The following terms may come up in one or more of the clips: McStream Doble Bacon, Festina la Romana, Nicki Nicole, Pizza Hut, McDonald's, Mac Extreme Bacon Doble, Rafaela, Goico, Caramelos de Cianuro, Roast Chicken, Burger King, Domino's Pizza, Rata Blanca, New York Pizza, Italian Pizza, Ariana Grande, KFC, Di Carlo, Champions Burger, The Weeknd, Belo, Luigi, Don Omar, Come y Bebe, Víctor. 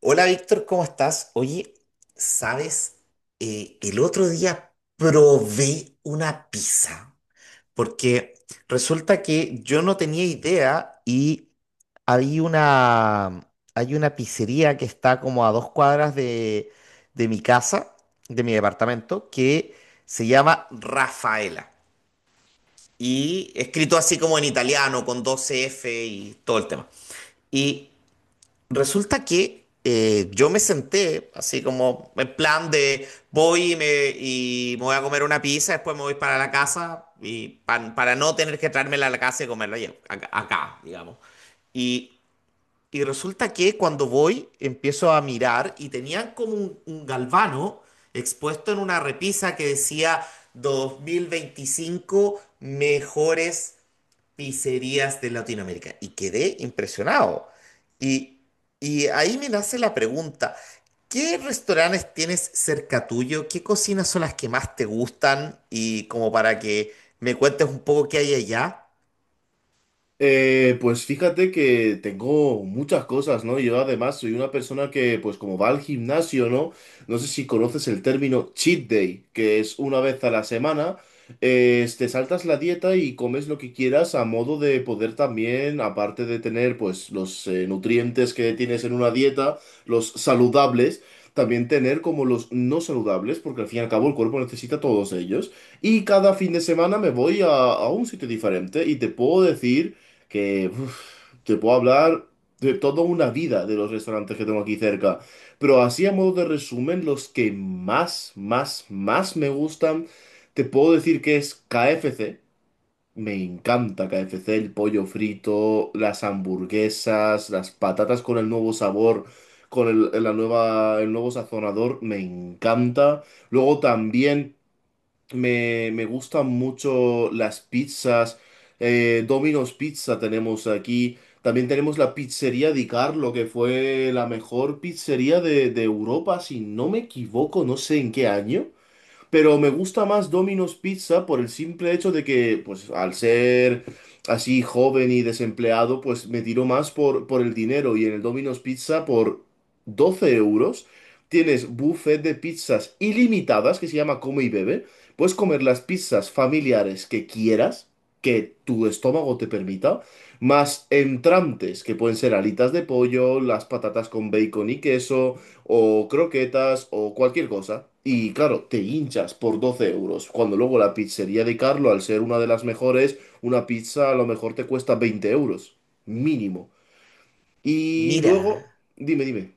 Hola Víctor, ¿cómo estás? Oye, ¿sabes? El otro día probé una pizza, porque resulta que yo no tenía idea y había una, hay una pizzería que está como a 2 cuadras de mi casa, de mi departamento, que se llama Rafaela. Y escrito así como en italiano, con 12 F y todo el tema. Y resulta que yo me senté así como en plan de voy y y me voy a comer una pizza, después me voy para la casa y para no tener que traérmela a la casa y acá, acá, digamos. Y, y resulta que cuando voy empiezo a mirar y tenían como un galvano expuesto en una repisa que decía 2025 mejores pizzerías de Latinoamérica. Y quedé impresionado. Y, y ahí me nace la pregunta, ¿qué restaurantes tienes cerca tuyo? ¿Qué cocinas son las que más te gustan? Y como para que me cuentes un poco qué hay allá. Pues fíjate que tengo muchas cosas, ¿no? Yo además soy una persona que, pues como va al gimnasio, ¿no? No sé si conoces el término cheat day, que es una vez a la semana, te saltas la dieta y comes lo que quieras a modo de poder también, aparte de tener, pues, los nutrientes que tienes en una dieta, los saludables, también tener como los no saludables, porque al fin y al cabo el cuerpo necesita todos ellos. Y cada fin de semana me voy a un sitio diferente y te puedo decir que uf, te puedo hablar de toda una vida de los restaurantes que tengo aquí cerca. Pero así a modo de resumen, los que más, más, más me gustan, te puedo decir que es KFC. Me encanta KFC, el pollo frito, las hamburguesas, las patatas con el nuevo sabor, con el nuevo sazonador, me encanta. Luego también... Me gustan mucho las pizzas. Domino's Pizza tenemos aquí. También tenemos la pizzería Di Carlo, que fue la mejor pizzería de Europa, si no me equivoco, no sé en qué año. Pero me gusta más Domino's Pizza por el simple hecho de que, pues, al ser así joven y desempleado, pues me tiro más por el dinero. Y en el Domino's Pizza, por 12 euros, tienes buffet de pizzas ilimitadas, que se llama Come y Bebe. Puedes comer las pizzas familiares que quieras, que tu estómago te permita, más entrantes, que pueden ser alitas de pollo, las patatas con bacon y queso o croquetas o cualquier cosa. Y claro, te hinchas por 12 euros, cuando luego la pizzería de Carlo, al ser una de las mejores, una pizza a lo mejor te cuesta 20 euros, mínimo. Y Mira, luego, dime, dime.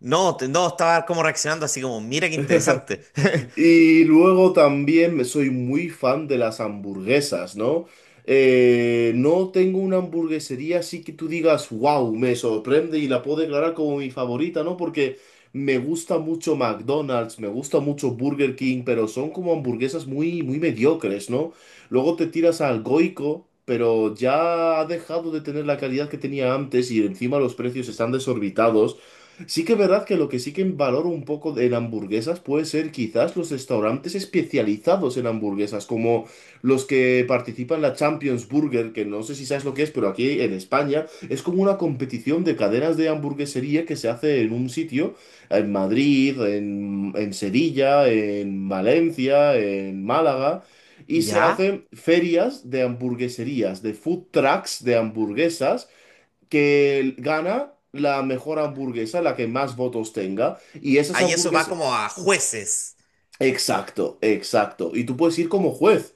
no, estaba como reaccionando así como, mira qué interesante. Y luego también me soy muy fan de las hamburguesas, ¿no? No tengo una hamburguesería así que tú digas, wow, me sorprende y la puedo declarar como mi favorita, ¿no? Porque me gusta mucho McDonald's, me gusta mucho Burger King, pero son como hamburguesas muy, muy mediocres, ¿no? Luego te tiras al Goico, pero ya ha dejado de tener la calidad que tenía antes y encima los precios están desorbitados. Sí que es verdad que lo que sí que valoro un poco de- en hamburguesas puede ser quizás los restaurantes especializados en hamburguesas, como los que participan en la Champions Burger, que no sé si sabes lo que es, pero aquí en España es como una competición de cadenas de hamburguesería que se hace en un sitio, en Madrid, en Sevilla, en Valencia, en Málaga. Y se ¿Ya? hacen ferias de hamburgueserías, de food trucks de hamburguesas, que gana la mejor hamburguesa, la que más votos tenga, y esas Ahí eso va hamburguesas... como a jueces. Exacto, exacto. Y tú puedes ir como juez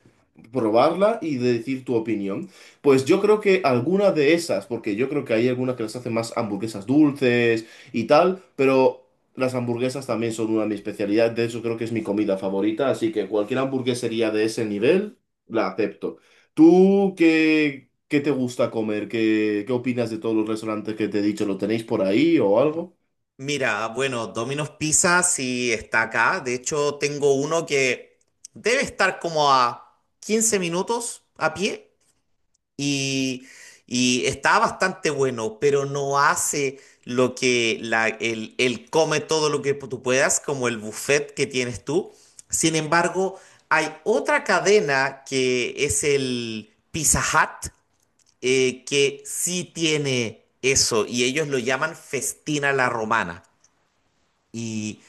probarla y de decir tu opinión. Pues yo creo que alguna de esas, porque yo creo que hay algunas que las hacen más hamburguesas dulces y tal, pero las hamburguesas también son una de mis especialidades, de hecho creo que es mi comida favorita, así que cualquier hamburguesería de ese nivel la acepto. ¿Tú qué, qué te gusta comer? ¿Qué, qué opinas de todos los restaurantes que te he dicho? ¿Lo tenéis por ahí o algo? Mira, bueno, Domino's Pizza sí está acá. De hecho, tengo uno que debe estar como a 15 minutos a pie y, y está bastante bueno, pero no hace lo que el come todo lo que tú puedas, como el buffet que tienes tú. Sin embargo, hay otra cadena que es el Pizza Hut, que sí tiene eso y ellos lo llaman Festina la Romana y,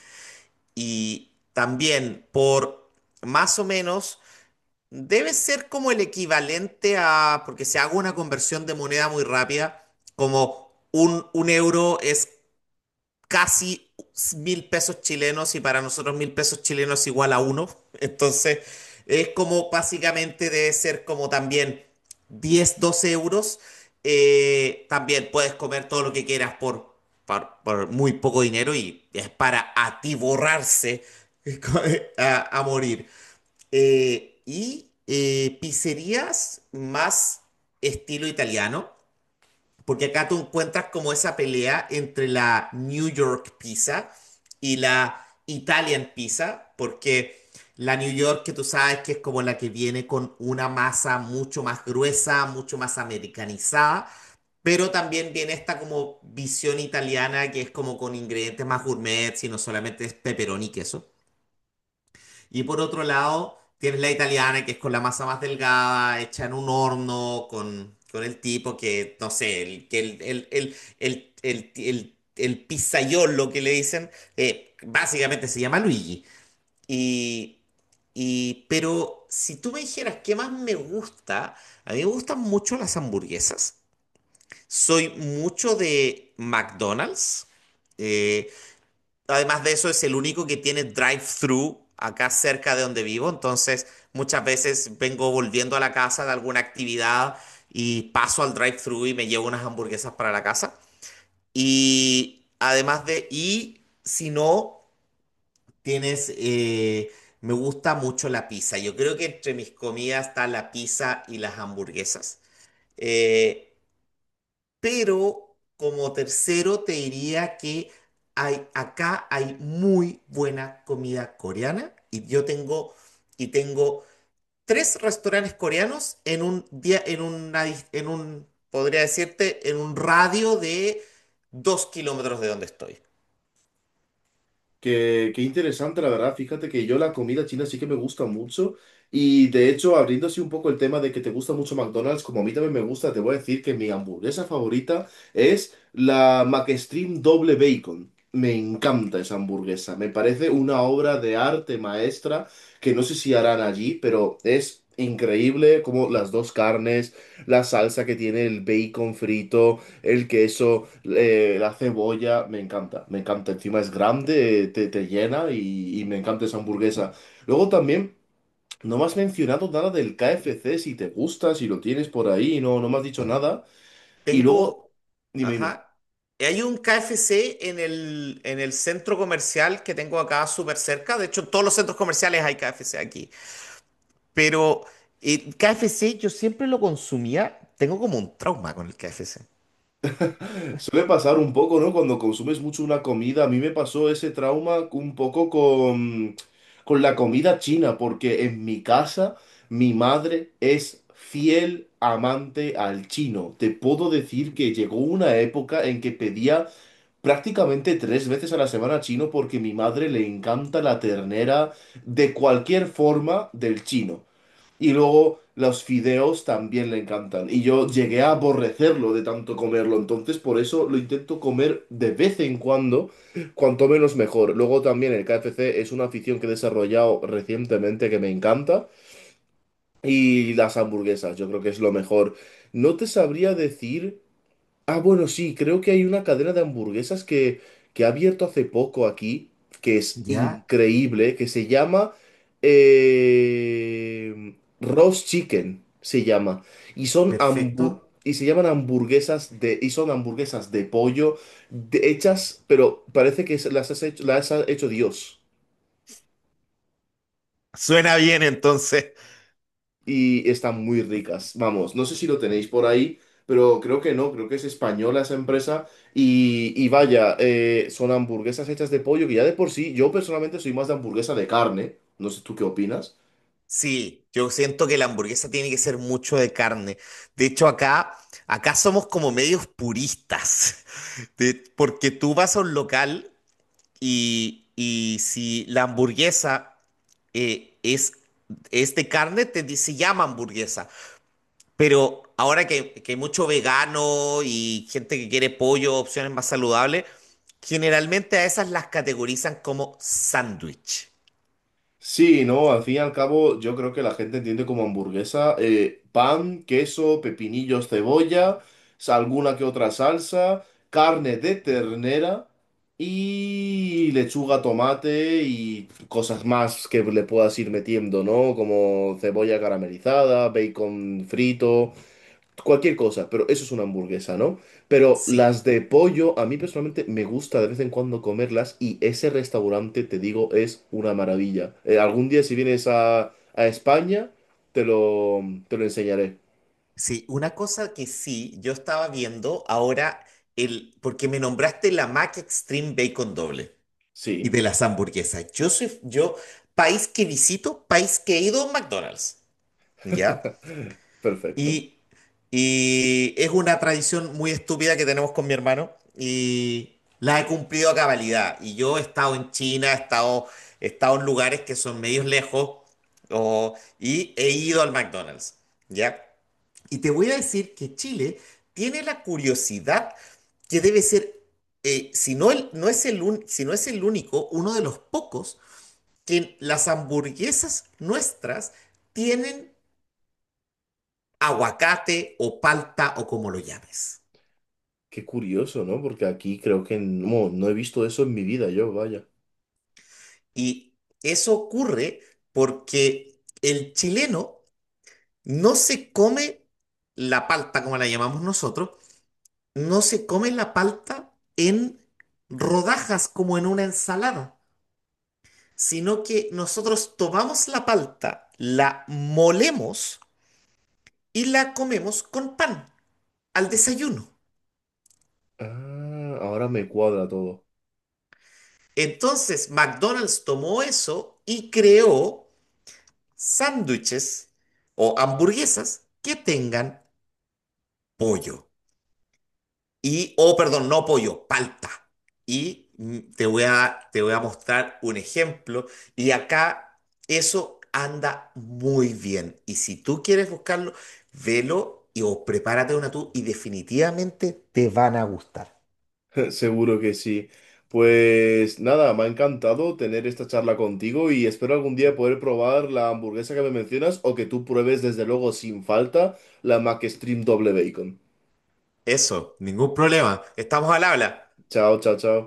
y también por más o menos, debe ser como el equivalente a, porque se haga una conversión de moneda muy rápida, como un euro es casi 1.000 pesos chilenos y para nosotros 1.000 pesos chilenos es igual a uno. Entonces, es como básicamente debe ser como también 10 12 euros. También puedes comer todo lo que quieras por muy poco dinero y es para atiborrarse a morir. Y pizzerías más estilo italiano. Porque acá tú encuentras como esa pelea entre la New York Pizza y la Italian Pizza, porque la New York que tú sabes que es como la que viene con una masa mucho más gruesa, mucho más americanizada, pero también viene esta como visión italiana que es como con ingredientes más gourmet, sino solamente es pepperoni y queso. Y por otro lado, tienes la italiana, que es con la masa más delgada, hecha en un horno, con el tipo que, no sé, el, que el pizzaiolo que le dicen, básicamente se llama Luigi. Y, pero si tú me dijeras qué más me gusta, a mí me gustan mucho las hamburguesas. Soy mucho de McDonald's. Eh, Además de eso, es el único que tiene drive-thru acá cerca de donde vivo. Entonces, muchas veces vengo volviendo a la casa de alguna actividad y paso al drive-thru y me llevo unas hamburguesas para la casa. Y si no, tienes, me gusta mucho la pizza. Yo creo que entre mis comidas está la pizza y las hamburguesas. Eh, pero como tercero te diría que acá hay muy buena comida coreana y yo tengo y tengo tres restaurantes coreanos en un día en en un, podría decirte, en un radio de 2 kilómetros de donde estoy. Qué, qué interesante, la verdad. Fíjate que yo la comida china sí que me gusta mucho. Y de hecho, abriendo así un poco el tema de que te gusta mucho McDonald's, como a mí también me gusta, te voy a decir que mi hamburguesa favorita es la McStream Doble Bacon. Me encanta esa hamburguesa. Me parece una obra de arte maestra que no sé si harán allí, pero es increíble como las dos carnes, la salsa que tiene el bacon frito, el queso, la cebolla, me encanta, me encanta. Encima es grande, te llena y me encanta esa hamburguesa. Luego también, no me has mencionado nada del KFC, si te gusta, si lo tienes por ahí, no, no me has dicho nada. Y luego, Tengo, dime, dime. ajá, y hay un KFC en el centro comercial que tengo acá súper cerca. De hecho, en todos los centros comerciales hay KFC aquí. Pero KFC yo siempre lo consumía. Tengo como un trauma con el KFC. Suele pasar un poco, ¿no? Cuando consumes mucho una comida. A mí me pasó ese trauma un poco con la comida china, porque en mi casa mi madre es fiel amante al chino. Te puedo decir que llegó una época en que pedía prácticamente 3 veces a la semana chino porque mi madre le encanta la ternera de cualquier forma del chino. Y luego los fideos también le encantan. Y yo llegué a aborrecerlo de tanto comerlo. Entonces, por eso lo intento comer de vez en cuando, cuanto menos mejor. Luego también el KFC es una afición que he desarrollado recientemente que me encanta. Y las hamburguesas, yo creo que es lo mejor. No te sabría decir. Ah, bueno, sí, creo que hay una cadena de hamburguesas que ha abierto hace poco aquí, que es Ya, increíble, que se llama eh, Roast Chicken, se llama. Y son perfecto. Se llaman hamburguesas de, y son hamburguesas de pollo hechas, pero parece que las has hecho, las ha hecho Dios. Suena bien, entonces. Y están muy ricas. Vamos, no sé si lo tenéis por ahí, pero creo que no, creo que es española esa empresa. Y vaya, son hamburguesas hechas de pollo, que ya de por sí, yo personalmente soy más de hamburguesa de carne. No sé tú qué opinas. Sí, yo siento que la hamburguesa tiene que ser mucho de carne. De hecho, acá somos como medios puristas, porque tú vas a un local y si la hamburguesa eh, es, es de carne, te, dice llama hamburguesa. Pero ahora que hay mucho vegano y gente que quiere pollo, opciones más saludables, generalmente a esas las categorizan como sándwich. Sí, no, al fin y al cabo yo creo que la gente entiende como hamburguesa, pan, queso, pepinillos, cebolla, alguna que otra salsa, carne de ternera y lechuga, tomate y cosas más que le puedas ir metiendo, ¿no? Como cebolla caramelizada, bacon frito. Cualquier cosa, pero eso es una hamburguesa, ¿no? Pero Sí, las de pollo, a mí personalmente me gusta de vez en cuando comerlas y ese restaurante, te digo, es una maravilla. Algún día si vienes a España, te lo, te lo enseñaré. sí, una cosa que sí, yo estaba viendo ahora, el, porque me nombraste la Mac Extreme Bacon Doble y Sí, de las hamburguesas. Yo, país que visito, país que he ido a un McDonald's, ¿ya? perfecto. Y, y es una tradición muy estúpida que tenemos con mi hermano y la he cumplido a cabalidad. Y yo he estado en China, he estado en lugares que son medios lejos y he ido al McDonald's, ¿ya? Y te voy a decir que Chile tiene la curiosidad que debe ser, si no, no es si no es el único, uno de los pocos que las hamburguesas nuestras tienen aguacate o palta o como lo llames. Qué curioso, ¿no? Porque aquí creo que no, no he visto eso en mi vida yo, vaya. Y eso ocurre porque el chileno no se come la palta como la llamamos nosotros, no se come la palta en rodajas como en una ensalada, sino que nosotros tomamos la palta, la molemos y la comemos con pan al desayuno. Ah, ahora me cuadra todo. Entonces, McDonald's tomó eso y creó sándwiches o hamburguesas que tengan pollo. Y, oh, perdón, no pollo, palta. Y te voy a mostrar un ejemplo. Y acá eso anda muy bien. Y si tú quieres buscarlo, velo y o prepárate una tú y definitivamente te van a gustar. Seguro que sí. Pues nada, me ha encantado tener esta charla contigo y espero algún día poder probar la hamburguesa que me mencionas o que tú pruebes desde luego sin falta la McStream doble bacon. Eso, ningún problema. Estamos al habla. Chao, chao, chao.